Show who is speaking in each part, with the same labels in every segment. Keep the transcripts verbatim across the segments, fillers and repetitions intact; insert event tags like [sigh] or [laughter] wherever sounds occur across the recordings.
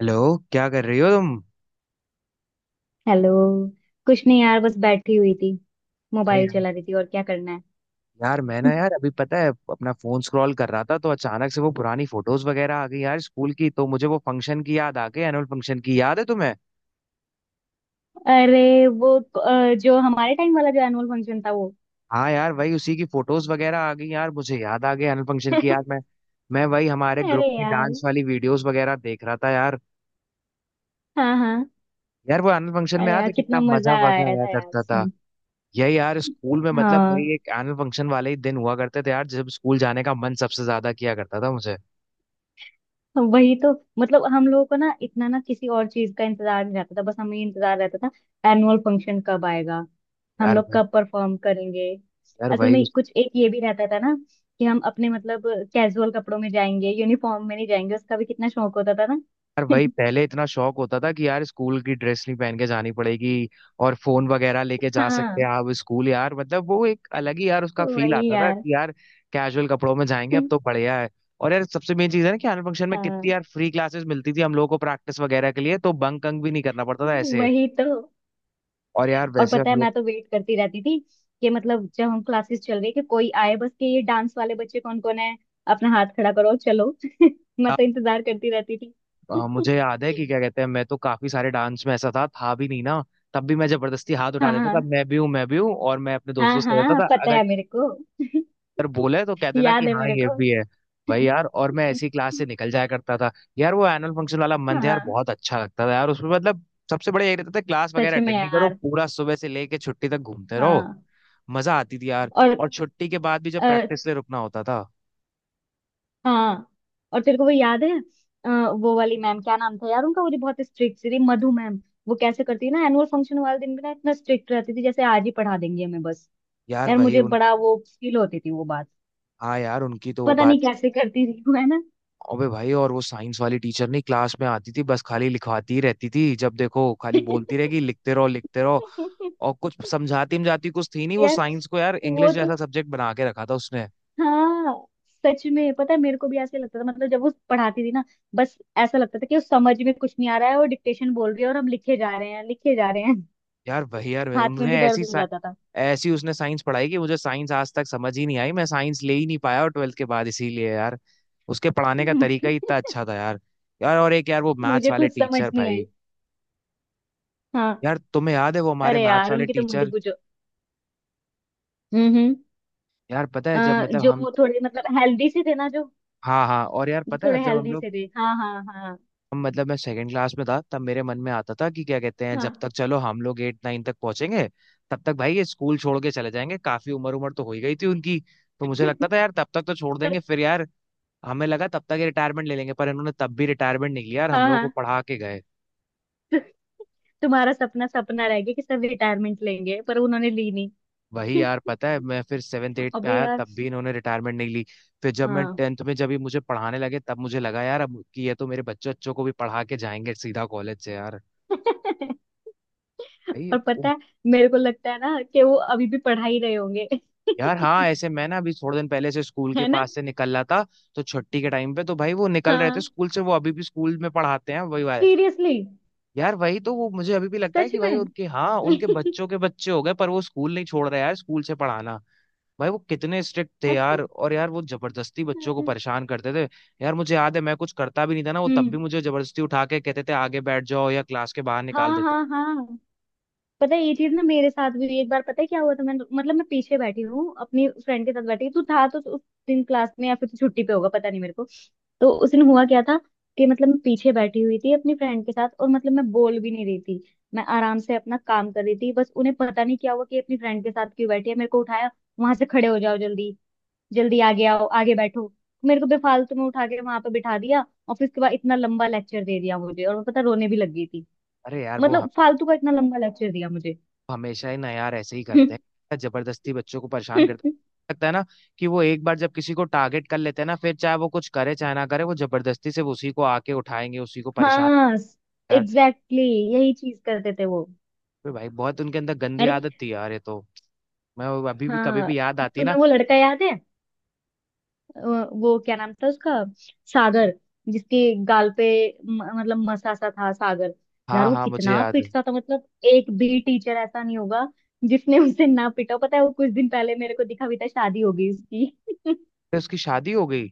Speaker 1: Hello. क्या कर रही हो तुम?
Speaker 2: हेलो। कुछ नहीं यार, बस बैठी हुई थी।
Speaker 1: अरे
Speaker 2: मोबाइल
Speaker 1: यार,
Speaker 2: चला रही थी, और क्या करना है।
Speaker 1: यार मैं ना हम्म। यार
Speaker 2: [laughs]
Speaker 1: अभी पता है अपना फोन स्क्रॉल कर रहा था तो अचानक से वो पुरानी फोटोज वगैरह आ गई यार स्कूल की, तो मुझे वो फंक्शन की याद आ गई। एनुअल फंक्शन की याद है तुम्हें?
Speaker 2: अरे वो अ, जो हमारे टाइम वाला जो एनुअल फंक्शन था वो।
Speaker 1: हाँ यार वही, उसी की फोटोज वगैरह आ गई यार, मुझे याद आ गई एनुअल फंक्शन की। यार
Speaker 2: [laughs]
Speaker 1: मैं मैं वही हमारे ग्रुप
Speaker 2: अरे
Speaker 1: की
Speaker 2: यार।
Speaker 1: डांस वाली वीडियोस वगैरह देख रहा था यार।
Speaker 2: हाँ हाँ।
Speaker 1: यार वो एनुअल फंक्शन में
Speaker 2: अरे
Speaker 1: याद
Speaker 2: यार
Speaker 1: है कितना
Speaker 2: कितना
Speaker 1: मजा
Speaker 2: मजा
Speaker 1: वगैरह
Speaker 2: आया
Speaker 1: आया
Speaker 2: था यार
Speaker 1: करता था।
Speaker 2: उसमें।
Speaker 1: यही यार स्कूल में, मतलब
Speaker 2: हाँ,
Speaker 1: वही एक एनुअल फंक्शन वाले ही दिन हुआ करते थे यार जब स्कूल जाने का मन सबसे ज्यादा किया करता था मुझे।
Speaker 2: वही तो। मतलब हम लोगों को ना इतना ना किसी और चीज का इंतजार नहीं रहता था, बस हमें ये इंतजार रहता था एनुअल फंक्शन कब आएगा, हम
Speaker 1: यार
Speaker 2: लोग
Speaker 1: भाई,
Speaker 2: कब परफॉर्म करेंगे।
Speaker 1: यार
Speaker 2: असल
Speaker 1: वही,
Speaker 2: में कुछ एक ये भी रहता था ना कि हम अपने मतलब कैजुअल कपड़ों में जाएंगे, यूनिफॉर्म में नहीं जाएंगे, उसका भी कितना शौक होता था ना।
Speaker 1: यार वही
Speaker 2: [laughs]
Speaker 1: पहले इतना शौक होता था कि यार स्कूल की ड्रेस नहीं पहन के जानी पड़ेगी और फोन वगैरह लेके जा सकते हैं
Speaker 2: हाँ,
Speaker 1: आप स्कूल, यार मतलब वो एक अलग ही यार उसका फील
Speaker 2: वही
Speaker 1: आता था
Speaker 2: यार।
Speaker 1: कि यार कैजुअल कपड़ों में जाएंगे। अब
Speaker 2: [laughs]
Speaker 1: तो बढ़िया है। और यार सबसे मेन चीज है ना कि एनुअल फंक्शन में कितनी
Speaker 2: हाँ,
Speaker 1: यार फ्री क्लासेस मिलती थी हम लोगों को प्रैक्टिस वगैरह के लिए, तो बंक अंक भी नहीं करना पड़ता था ऐसे।
Speaker 2: वही तो।
Speaker 1: और यार
Speaker 2: और
Speaker 1: वैसे
Speaker 2: पता
Speaker 1: हम
Speaker 2: है
Speaker 1: लोग
Speaker 2: मैं तो वेट करती रहती थी कि मतलब जब हम क्लासेस चल रही कि कोई आए बस कि ये डांस वाले बच्चे कौन कौन है, अपना हाथ खड़ा करो चलो। [laughs] मैं तो इंतजार करती रहती थी।
Speaker 1: अ, मुझे
Speaker 2: [laughs]
Speaker 1: याद है कि क्या कहते हैं, मैं तो काफी सारे डांस में ऐसा था था भी नहीं ना, तब भी मैं जबरदस्ती हाथ उठा
Speaker 2: हाँ
Speaker 1: देता था
Speaker 2: हाँ।
Speaker 1: मैं भी हूँ मैं भी हूँ, और मैं अपने
Speaker 2: हाँ,
Speaker 1: दोस्तों से कहता
Speaker 2: हाँ
Speaker 1: था
Speaker 2: पता
Speaker 1: अगर
Speaker 2: है मेरे को।
Speaker 1: अगर बोले तो कह
Speaker 2: [laughs]
Speaker 1: देना कि
Speaker 2: याद है
Speaker 1: हाँ
Speaker 2: मेरे
Speaker 1: ये
Speaker 2: को।
Speaker 1: भी है। भाई यार, और मैं ऐसी क्लास
Speaker 2: [laughs]
Speaker 1: से निकल जाया करता था। यार वो एनुअल फंक्शन वाला मंथ यार
Speaker 2: हाँ,
Speaker 1: बहुत अच्छा लगता था यार, उसमें मतलब सबसे बड़ा यही रहता था क्लास वगैरह
Speaker 2: सच में
Speaker 1: अटेंड नहीं करो,
Speaker 2: यार।
Speaker 1: पूरा सुबह से लेके छुट्टी तक घूमते रहो।
Speaker 2: हाँ।
Speaker 1: मजा आती थी यार।
Speaker 2: और
Speaker 1: और छुट्टी के बाद भी जब
Speaker 2: अ,
Speaker 1: प्रैक्टिस ले रुकना होता था।
Speaker 2: हाँ। और तेरे को वो याद है? अ, वो वाली मैम, क्या नाम था यार उनका, वो जो बहुत स्ट्रिक्ट थी, मधु मैम। वो कैसे करती है ना, एनुअल फंक्शन वाले दिन भी ना इतना स्ट्रिक्ट रहती थी जैसे आज ही पढ़ा देंगी हमें बस।
Speaker 1: यार
Speaker 2: यार
Speaker 1: वही
Speaker 2: मुझे
Speaker 1: उन,
Speaker 2: बड़ा वो फील होती थी वो बात।
Speaker 1: हाँ यार उनकी तो वो
Speaker 2: पता नहीं
Speaker 1: बात।
Speaker 2: कैसे करती थी वो, है ना।
Speaker 1: अबे भाई, और वो साइंस वाली टीचर नहीं क्लास में आती थी बस खाली लिखवाती ही रहती थी, जब देखो खाली बोलती रहेगी लिखते रहो लिखते रहो। और कुछ समझाती समझाती कुछ थी नहीं
Speaker 2: [laughs]
Speaker 1: वो,
Speaker 2: यार
Speaker 1: साइंस को यार
Speaker 2: वो
Speaker 1: इंग्लिश
Speaker 2: तो।
Speaker 1: जैसा सब्जेक्ट बना के रखा था उसने।
Speaker 2: हाँ सच में, पता है मेरे को भी ऐसे लगता था, मतलब जब वो पढ़ाती थी ना, बस ऐसा लगता था कि उस समझ में कुछ नहीं आ रहा है, वो डिक्टेशन बोल रही है और हम लिखे जा रहे हैं, लिखे जा रहे हैं।
Speaker 1: यार वही यार
Speaker 2: [laughs]
Speaker 1: वही,
Speaker 2: हाथ में
Speaker 1: उन्होंने
Speaker 2: भी
Speaker 1: ऐसी
Speaker 2: दर्द हो
Speaker 1: sci-
Speaker 2: जाता था।
Speaker 1: ऐसी उसने साइंस पढ़ाई कि मुझे साइंस आज तक समझ ही नहीं आई, मैं साइंस ले ही नहीं पाया और ट्वेल्थ के बाद इसीलिए यार। उसके पढ़ाने
Speaker 2: [laughs]
Speaker 1: का तरीका
Speaker 2: मुझे
Speaker 1: ही इतना अच्छा था यार। यार और एक यार वो मैथ्स
Speaker 2: मुझे
Speaker 1: वाले
Speaker 2: खुद समझ
Speaker 1: टीचर
Speaker 2: नहीं
Speaker 1: भाई।
Speaker 2: आई। हाँ।
Speaker 1: यार तुम्हें याद है वो हमारे
Speaker 2: अरे
Speaker 1: मैथ्स
Speaker 2: यार
Speaker 1: वाले
Speaker 2: उनकी तो मत ही
Speaker 1: टीचर?
Speaker 2: पूछो। हम्म हम्म।
Speaker 1: यार पता
Speaker 2: अ,
Speaker 1: है जब मतलब
Speaker 2: जो
Speaker 1: हम,
Speaker 2: वो थोड़े मतलब हेल्दी से थे ना, जो
Speaker 1: हाँ हाँ और यार
Speaker 2: जो
Speaker 1: पता है
Speaker 2: थोड़े
Speaker 1: जब हम
Speaker 2: हेल्दी
Speaker 1: लोग,
Speaker 2: से थे। हाँ हाँ हाँ
Speaker 1: मतलब मैं सेकंड क्लास में था तब मेरे मन में आता था कि क्या कहते हैं
Speaker 2: हाँ।
Speaker 1: जब तक चलो हम लोग एट नाइन तक पहुंचेंगे तब तक भाई ये स्कूल छोड़ के चले जाएंगे, काफी उम्र उम्र तो हो ही गई थी उनकी। तो मुझे लगता
Speaker 2: [laughs]
Speaker 1: था यार तब तक तो छोड़
Speaker 2: पर
Speaker 1: देंगे फिर यार। हमें लगा तब तक ये रिटायरमेंट ले लेंगे, पर इन्होंने तब भी रिटायरमेंट नहीं लिया और हम
Speaker 2: हाँ
Speaker 1: लोगों को
Speaker 2: हाँ।
Speaker 1: पढ़ा के गए।
Speaker 2: तुम्हारा सपना सपना रह गया कि सब रिटायरमेंट लेंगे पर उन्होंने ली नहीं।
Speaker 1: वही यार पता है मैं फिर सेवन्थ
Speaker 2: [laughs]
Speaker 1: एट पे
Speaker 2: अबे
Speaker 1: आया,
Speaker 2: यार।
Speaker 1: तब भी इन्होंने रिटायरमेंट नहीं ली। फिर जब मैं
Speaker 2: हाँ।
Speaker 1: टेंथ में जब ये मुझे पढ़ाने लगे तब मुझे लगा यार अब कि ये तो मेरे बच्चों बच्चों को भी पढ़ा के जाएंगे सीधा कॉलेज से यार।
Speaker 2: [laughs]
Speaker 1: भाई।
Speaker 2: और पता है, मेरे को लगता है ना कि वो अभी भी पढ़ा ही रहे होंगे।
Speaker 1: यार हाँ
Speaker 2: [laughs]
Speaker 1: ऐसे मैं ना अभी थोड़े दिन पहले से स्कूल के
Speaker 2: है ना।
Speaker 1: पास से निकल रहा था तो छुट्टी के टाइम पे, तो भाई वो निकल रहे थे
Speaker 2: हाँ,
Speaker 1: स्कूल से, वो अभी भी स्कूल में पढ़ाते हैं वही वाले।
Speaker 2: सीरियसली।
Speaker 1: यार वही तो, वो मुझे अभी भी लगता है
Speaker 2: सच
Speaker 1: कि भाई
Speaker 2: में।
Speaker 1: उनके हाँ उनके
Speaker 2: [laughs]
Speaker 1: बच्चों के बच्चे हो गए पर वो स्कूल नहीं छोड़ रहे यार स्कूल से पढ़ाना। भाई वो कितने स्ट्रिक्ट थे यार, और यार वो जबरदस्ती बच्चों को परेशान करते थे। यार मुझे याद है मैं कुछ करता भी नहीं था ना, वो तब भी
Speaker 2: हम्म।
Speaker 1: मुझे जबरदस्ती उठा के कहते थे आगे बैठ जाओ या क्लास के बाहर
Speaker 2: हाँ
Speaker 1: निकाल देते।
Speaker 2: हाँ हाँ, पता है ये चीज ना मेरे साथ भी हुई। एक बार पता है क्या हुआ था, मैं मतलब मैं पीछे बैठी हूँ, अपनी फ्रेंड के साथ बैठी हूँ। तू था तो उस दिन क्लास में या फिर तू छुट्टी पे होगा, पता नहीं मेरे को। तो उस दिन हुआ क्या था कि मतलब मैं पीछे बैठी हुई थी अपनी फ्रेंड के साथ, और मतलब मैं बोल भी नहीं रही थी, मैं आराम से अपना काम कर रही थी, बस उन्हें पता नहीं क्या हुआ कि अपनी फ्रेंड के साथ क्यों बैठी है, मेरे को उठाया, वहां से खड़े हो जाओ, जल्दी जल्दी आगे आओ, आगे बैठो, मेरे को बेफालतू में उठा के वहां पे बिठा दिया और फिर उसके बाद इतना लंबा लेक्चर दे दिया मुझे, और मैं पता रोने भी लग गई थी।
Speaker 1: अरे यार वो
Speaker 2: मतलब फालतू का इतना लंबा लेक्चर दिया मुझे।
Speaker 1: हमेशा ही ना यार ऐसे ही करते हैं, जबरदस्ती बच्चों को परेशान करते
Speaker 2: [laughs]
Speaker 1: हैं, लगता है ना कि वो एक बार जब किसी को टारगेट कर लेते हैं ना फिर चाहे वो कुछ करे चाहे ना करे वो जबरदस्ती से उसी को आके उठाएंगे, उसी को परेशान
Speaker 2: हाँ।
Speaker 1: यार।
Speaker 2: एग्जैक्टली, exactly, यही चीज करते थे वो।
Speaker 1: फिर भाई बहुत उनके अंदर गंदी
Speaker 2: अरे,
Speaker 1: आदत थी यार ये तो। मैं वो अभी भी कभी
Speaker 2: हाँ।
Speaker 1: भी याद आती है ना।
Speaker 2: तुम्हें वो लड़का याद है? अ, वो क्या नाम था उसका, सागर, जिसके गाल पे म- मतलब मसा सा था, सागर। यार
Speaker 1: हाँ
Speaker 2: वो
Speaker 1: हाँ मुझे
Speaker 2: कितना
Speaker 1: याद है।
Speaker 2: पिटता था, मतलब एक भी टीचर ऐसा नहीं होगा जिसने उसे ना पिटा हो। पता है वो कुछ दिन पहले मेरे को दिखा भी था, शादी हो गई उसकी। [laughs]
Speaker 1: फिर उसकी शादी हो गई?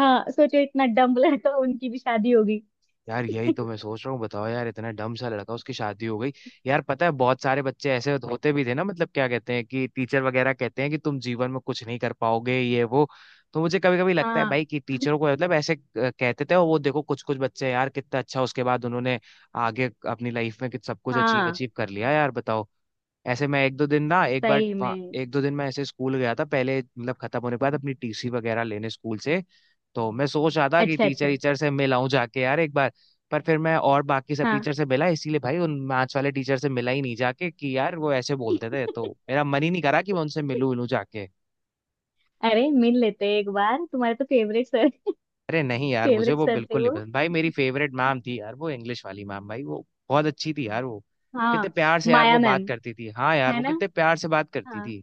Speaker 2: हाँ, सोचो इतना डम्ब लड़का उनकी भी शादी हो गई।
Speaker 1: यार यही
Speaker 2: [laughs]
Speaker 1: तो मैं सोच रहा हूँ, बताओ यार इतना डम सा लड़का उसकी शादी हो गई। यार पता है बहुत सारे बच्चे ऐसे होते भी थे ना मतलब, क्या कहते हैं कि टीचर वगैरह कहते हैं कि तुम जीवन में कुछ नहीं कर पाओगे ये वो, तो मुझे कभी कभी लगता है
Speaker 2: हाँ
Speaker 1: भाई कि टीचरों को मतलब ऐसे अ, कहते थे और वो देखो कुछ कुछ बच्चे यार कितना अच्छा उसके बाद उन्होंने आगे अपनी लाइफ में कित- सब कुछ अचीव
Speaker 2: हाँ।
Speaker 1: अचीव कर लिया यार, बताओ। ऐसे मैं एक दो दिन ना एक बार
Speaker 2: सही
Speaker 1: वहाँ-
Speaker 2: में।
Speaker 1: एक दो दिन मैं ऐसे स्कूल गया था पहले मतलब खत्म होने के बाद अपनी टीसी वगैरह लेने स्कूल से, तो मैं सोच रहा था कि
Speaker 2: अच्छा
Speaker 1: टीचर
Speaker 2: अच्छा।
Speaker 1: टीचर से मिल आऊं जाके यार एक बार। पर फिर मैं और बाकी सब
Speaker 2: हाँ।
Speaker 1: टीचर से मिला इसीलिए, भाई उन मैथ्स वाले टीचर से मिला ही नहीं जाके, कि यार वो ऐसे बोलते थे तो
Speaker 2: [laughs]
Speaker 1: मेरा मन ही नहीं करा कि मैं उनसे मिलूं मिलूं जाके।
Speaker 2: अरे मिल लेते एक बार, तुम्हारे तो फेवरेट सर।
Speaker 1: अरे नहीं यार मुझे
Speaker 2: फेवरेट
Speaker 1: वो
Speaker 2: सर थे
Speaker 1: बिल्कुल नहीं
Speaker 2: वो।
Speaker 1: पसंद भाई, मेरी फेवरेट मैम थी यार वो इंग्लिश वाली मैम, भाई वो बहुत अच्छी थी यार वो। कितने
Speaker 2: हाँ,
Speaker 1: प्यार से यार
Speaker 2: माया
Speaker 1: वो बात
Speaker 2: मैम।
Speaker 1: करती थी, हाँ यार
Speaker 2: है
Speaker 1: वो
Speaker 2: ना।
Speaker 1: कितने प्यार से बात करती
Speaker 2: हाँ,
Speaker 1: थी।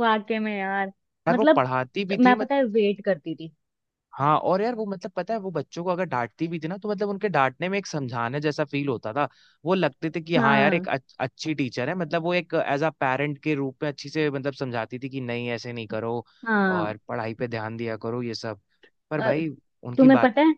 Speaker 2: वाकई में यार।
Speaker 1: यार वो
Speaker 2: मतलब,
Speaker 1: पढ़ाती भी थी।
Speaker 2: मैं पता है वेट करती थी।
Speaker 1: हाँ और यार वो मतलब पता है वो बच्चों को अगर डांटती भी थी ना तो मतलब उनके डांटने में एक समझाने जैसा फील होता था। वो लगते थे कि हाँ यार
Speaker 2: हाँ
Speaker 1: एक अच- अच्छी टीचर है, मतलब वो एक एज अ पेरेंट के रूप में अच्छी से मतलब समझाती थी कि नहीं ऐसे नहीं करो
Speaker 2: हाँ।
Speaker 1: और पढ़ाई पे ध्यान दिया करो ये सब। पर
Speaker 2: अ,
Speaker 1: भाई उनकी
Speaker 2: तुम्हें
Speaker 1: बात,
Speaker 2: पता है,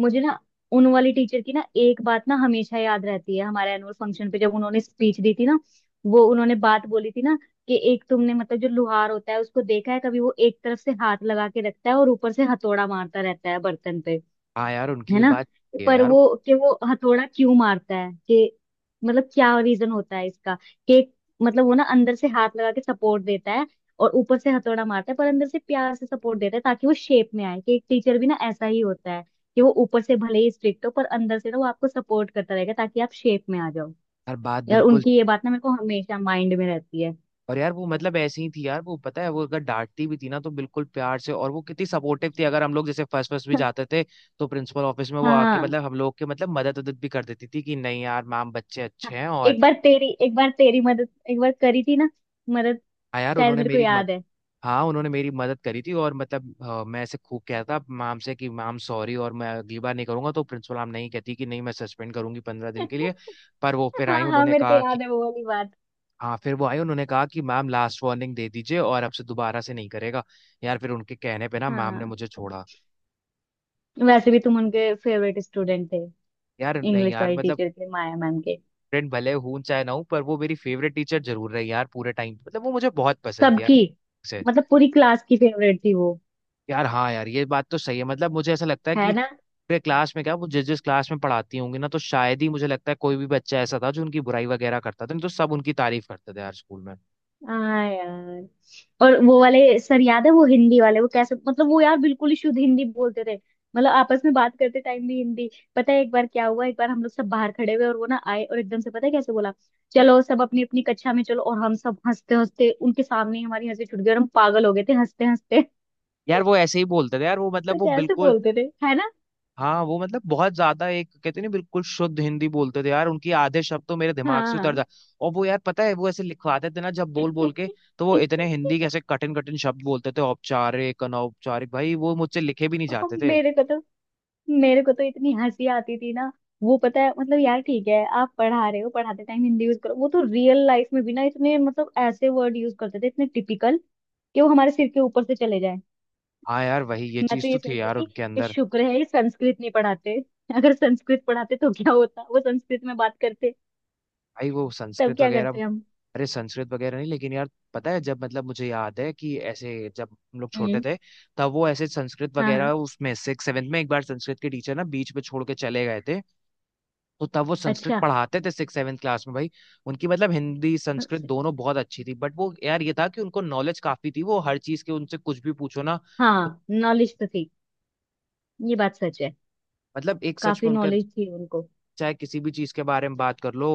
Speaker 2: मुझे ना उन वाली टीचर की ना एक बात ना हमेशा याद रहती है। हमारे एनुअल फंक्शन पे जब उन्होंने स्पीच दी थी ना, वो उन्होंने बात बोली थी ना कि एक तुमने मतलब जो लुहार होता है उसको देखा है कभी, वो एक तरफ से हाथ लगा के रखता है और ऊपर से हथौड़ा मारता रहता है बर्तन पे।
Speaker 1: हाँ यार उनकी
Speaker 2: है
Speaker 1: ये
Speaker 2: ना।
Speaker 1: बात सही है
Speaker 2: पर
Speaker 1: यार,
Speaker 2: वो कि वो हथौड़ा क्यों मारता है, कि मतलब क्या रीजन होता है इसका कि मतलब वो ना अंदर से हाथ लगा के सपोर्ट देता है और ऊपर से हथौड़ा मारता है, पर अंदर से प्यार से सपोर्ट देता है ताकि वो शेप में आए। कि एक टीचर भी ना ऐसा ही होता है कि वो ऊपर से भले ही स्ट्रिक्ट हो पर अंदर से ना वो आपको सपोर्ट करता रहेगा ताकि आप शेप में आ जाओ।
Speaker 1: हर बात
Speaker 2: यार
Speaker 1: बिल्कुल।
Speaker 2: उनकी ये बात ना मेरे को हमेशा माइंड में रहती है।
Speaker 1: और यार वो मतलब ऐसी ही थी यार वो, पता है वो अगर डांटती भी थी ना तो बिल्कुल प्यार से, और वो कितनी सपोर्टिव थी। अगर हम लोग जैसे फर्स्ट फर्स्ट भी जाते
Speaker 2: [laughs]
Speaker 1: थे तो प्रिंसिपल ऑफिस में वो आके
Speaker 2: हाँ।
Speaker 1: मतलब हम लोग के मतलब मदद उदद भी कर देती थी कि नहीं यार मैम बच्चे
Speaker 2: हाँ,
Speaker 1: अच्छे हैं और।
Speaker 2: एक बार तेरी एक बार तेरी मदद एक बार करी थी ना। मदद
Speaker 1: हाँ यार
Speaker 2: शायद
Speaker 1: उन्होंने
Speaker 2: मेरे को
Speaker 1: मेरी मद,
Speaker 2: याद
Speaker 1: हाँ उन्होंने मेरी मदद करी थी, और मतलब अ, मैं ऐसे खूब कहता मैम से कि मैम सॉरी और मैं अगली बार नहीं करूंगा, तो प्रिंसिपल मैम नहीं कहती कि नहीं मैं सस्पेंड करूंगी पंद्रह
Speaker 2: है।
Speaker 1: दिन के लिए।
Speaker 2: [laughs]
Speaker 1: पर वो फिर आई
Speaker 2: हाँ हाँ,
Speaker 1: उन्होंने
Speaker 2: मेरे को
Speaker 1: कहा,
Speaker 2: याद है वो वाली बात।
Speaker 1: हाँ फिर वो आई उन्होंने कहा कि मैम लास्ट वार्निंग दे दीजिए और अब से दोबारा से नहीं करेगा। यार फिर उनके कहने पे ना मैम ने
Speaker 2: हाँ।
Speaker 1: मुझे छोड़ा।
Speaker 2: वैसे भी तुम उनके फेवरेट स्टूडेंट थे,
Speaker 1: यार नहीं
Speaker 2: इंग्लिश
Speaker 1: यार
Speaker 2: वाली
Speaker 1: मतलब
Speaker 2: टीचर के, माया मैम के।
Speaker 1: फ्रेंड भले हूं चाहे ना हूं पर वो मेरी फेवरेट टीचर जरूर रही यार, पूरे टाइम मतलब वो मुझे बहुत पसंद थी यार
Speaker 2: सबकी
Speaker 1: से।
Speaker 2: मतलब पूरी क्लास की फेवरेट थी वो,
Speaker 1: यार हाँ यार ये बात तो सही है, मतलब मुझे ऐसा लगता है
Speaker 2: है
Speaker 1: कि
Speaker 2: ना।
Speaker 1: पूरे क्लास में क्या वो जिस जिस क्लास में पढ़ाती होंगी ना तो शायद ही मुझे लगता है कोई भी बच्चा ऐसा था जो उनकी बुराई वगैरह करता था, नहीं तो सब उनकी तारीफ करते थे यार स्कूल में।
Speaker 2: हाँ यार। और वो वाले सर याद है, वो हिंदी वाले, वो कैसे मतलब वो यार बिल्कुल ही शुद्ध हिंदी बोलते थे। मतलब आपस में बात करते टाइम भी हिंदी। पता है एक बार क्या हुआ, एक बार हम लोग सब बाहर खड़े हुए और वो ना आए, और एकदम से पता है कैसे बोला, चलो सब अपनी अपनी कक्षा में चलो, और हम सब हंसते हंसते, उनके सामने ही हमारी हंसी छूट गई और हम पागल हो गए थे हंसते हंसते।
Speaker 1: यार वो ऐसे ही बोलते थे यार वो मतलब
Speaker 2: तो
Speaker 1: वो
Speaker 2: कैसे
Speaker 1: बिल्कुल,
Speaker 2: बोलते थे। है ना।
Speaker 1: हाँ वो मतलब बहुत ज्यादा एक कहते नहीं बिल्कुल शुद्ध हिंदी बोलते थे यार, उनकी आधे शब्द तो मेरे दिमाग से उतर
Speaker 2: हाँ।
Speaker 1: जाए। और वो यार पता है वो ऐसे लिखवाते थे ना जब बोल बोल के,
Speaker 2: [laughs]
Speaker 1: तो वो इतने हिंदी के ऐसे कठिन कठिन शब्द बोलते थे औपचारिक अनौपचारिक, भाई वो मुझसे लिखे भी नहीं
Speaker 2: और
Speaker 1: जाते थे।
Speaker 2: मेरे को तो मेरे को तो इतनी हंसी आती थी ना। वो पता है मतलब यार, ठीक है आप पढ़ा रहे हो, पढ़ाते टाइम हिंदी यूज करो, वो तो रियल लाइफ में भी ना इतने मतलब ऐसे वर्ड यूज करते थे, इतने टिपिकल कि वो हमारे सिर के ऊपर से चले जाए।
Speaker 1: हाँ यार वही ये
Speaker 2: मैं तो
Speaker 1: चीज
Speaker 2: ये
Speaker 1: तो थी
Speaker 2: सोचती
Speaker 1: यार
Speaker 2: थी
Speaker 1: उनके
Speaker 2: कि
Speaker 1: अंदर।
Speaker 2: शुक्र है ये संस्कृत नहीं पढ़ाते, अगर संस्कृत पढ़ाते तो क्या होता, वो संस्कृत में बात करते,
Speaker 1: भाई वो
Speaker 2: तब
Speaker 1: संस्कृत
Speaker 2: क्या
Speaker 1: वगैरह,
Speaker 2: करते हम।
Speaker 1: अरे संस्कृत वगैरह नहीं लेकिन यार पता है जब मतलब मुझे याद है कि ऐसे जब हम लोग छोटे
Speaker 2: हम्म।
Speaker 1: थे तब वो ऐसे संस्कृत
Speaker 2: हाँ
Speaker 1: वगैरह,
Speaker 2: हाँ।
Speaker 1: उसमें सिक्स सेवेंथ में एक बार संस्कृत के टीचर ना बीच में छोड़ के चले गए थे, तो तब वो संस्कृत
Speaker 2: अच्छा।
Speaker 1: पढ़ाते थे सिक्स सेवेंथ क्लास में भाई। उनकी मतलब हिंदी संस्कृत दोनों बहुत अच्छी थी, बट वो यार ये था कि उनको नॉलेज काफी थी वो हर चीज के, उनसे कुछ भी पूछो ना तो,
Speaker 2: हाँ नॉलेज तो थी। ये बात सच है।
Speaker 1: मतलब एक सच
Speaker 2: काफी
Speaker 1: में उनका
Speaker 2: नॉलेज थी उनको।
Speaker 1: चाहे किसी भी चीज के बारे में बात कर लो।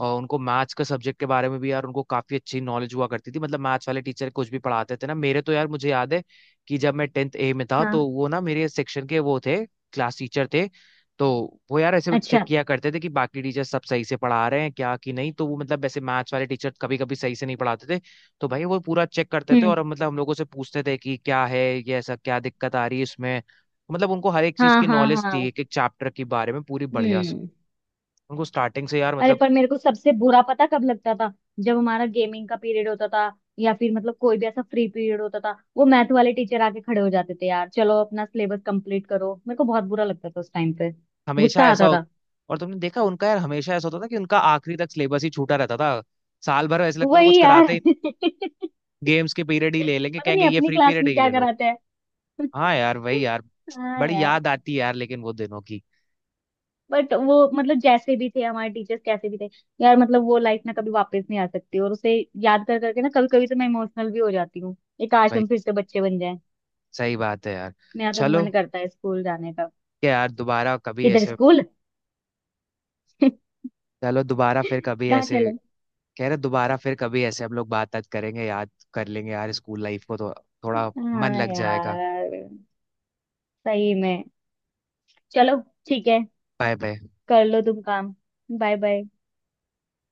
Speaker 1: और उनको मैथ्स के सब्जेक्ट के बारे में भी यार उनको काफी अच्छी नॉलेज हुआ करती थी, मतलब मैथ्स वाले टीचर कुछ भी पढ़ाते थे ना, मेरे तो यार मुझे याद है कि जब मैं टेंथ ए में था तो
Speaker 2: हाँ।
Speaker 1: वो ना मेरे सेक्शन के वो थे, क्लास टीचर थे। तो वो यार ऐसे
Speaker 2: अच्छा।
Speaker 1: चेक किया करते थे कि बाकी टीचर सब सही से पढ़ा रहे हैं क्या कि नहीं, तो वो मतलब ऐसे मैथ्स वाले टीचर कभी कभी सही से नहीं पढ़ाते थे। तो भाई वो पूरा चेक करते थे
Speaker 2: हम्म।
Speaker 1: और मतलब हम लोगों से पूछते थे कि क्या है, ये ऐसा क्या दिक्कत आ रही है इसमें। मतलब उनको हर एक चीज
Speaker 2: हाँ
Speaker 1: की
Speaker 2: हाँ
Speaker 1: नॉलेज थी,
Speaker 2: हाँ।
Speaker 1: एक एक चैप्टर के बारे में पूरी बढ़िया से।
Speaker 2: हम्म।
Speaker 1: उनको स्टार्टिंग से यार
Speaker 2: अरे
Speaker 1: मतलब
Speaker 2: पर मेरे को सबसे बुरा पता कब लगता था, जब हमारा गेमिंग का पीरियड होता था या फिर मतलब कोई भी ऐसा फ्री पीरियड होता था, वो मैथ वाले टीचर आके खड़े हो जाते थे, यार चलो अपना सिलेबस कंप्लीट करो। मेरे को बहुत बुरा लगता था उस टाइम पे,
Speaker 1: हमेशा
Speaker 2: गुस्सा
Speaker 1: ऐसा
Speaker 2: आता
Speaker 1: हो,
Speaker 2: था।
Speaker 1: और तुमने देखा उनका यार हमेशा ऐसा होता था कि उनका आखिरी तक सिलेबस ही छूटा रहता था। साल भर ऐसे लगता था कुछ
Speaker 2: वही
Speaker 1: कराते
Speaker 2: यार।
Speaker 1: ही,
Speaker 2: [laughs]
Speaker 1: गेम्स के पीरियड ही ले लेंगे
Speaker 2: पता
Speaker 1: कहेंगे
Speaker 2: नहीं
Speaker 1: ये
Speaker 2: अपनी
Speaker 1: फ्री
Speaker 2: क्लास
Speaker 1: पीरियड
Speaker 2: में
Speaker 1: ही
Speaker 2: क्या
Speaker 1: ले लो।
Speaker 2: कराते हैं।
Speaker 1: हाँ यार वही यार,
Speaker 2: [laughs] हाँ
Speaker 1: बड़ी
Speaker 2: यार।
Speaker 1: याद आती है यार लेकिन वो दिनों की।
Speaker 2: बट वो मतलब जैसे भी थे हमारे टीचर्स, कैसे भी थे, यार मतलब वो लाइफ ना कभी वापस नहीं आ सकती, और उसे याद कर करके ना कभी कभी तो मैं इमोशनल भी हो जाती हूँ। ये काश
Speaker 1: भाई
Speaker 2: हम फिर से बच्चे बन जाएं।
Speaker 1: सही बात है यार।
Speaker 2: मेरा तो
Speaker 1: चलो
Speaker 2: मन करता है स्कूल जाने का।
Speaker 1: क्या यार दोबारा कभी
Speaker 2: किधर
Speaker 1: ऐसे,
Speaker 2: स्कूल। [laughs]
Speaker 1: चलो दोबारा फिर कभी
Speaker 2: कहाँ
Speaker 1: ऐसे,
Speaker 2: चले।
Speaker 1: कह रहे दोबारा फिर कभी ऐसे हम लोग बात बात करेंगे, याद कर लेंगे यार स्कूल लाइफ को, तो थोड़ा मन
Speaker 2: हाँ
Speaker 1: लग जाएगा।
Speaker 2: यार, सही में। चलो, ठीक है।
Speaker 1: Bye bye.
Speaker 2: कर लो तुम काम। Bye bye.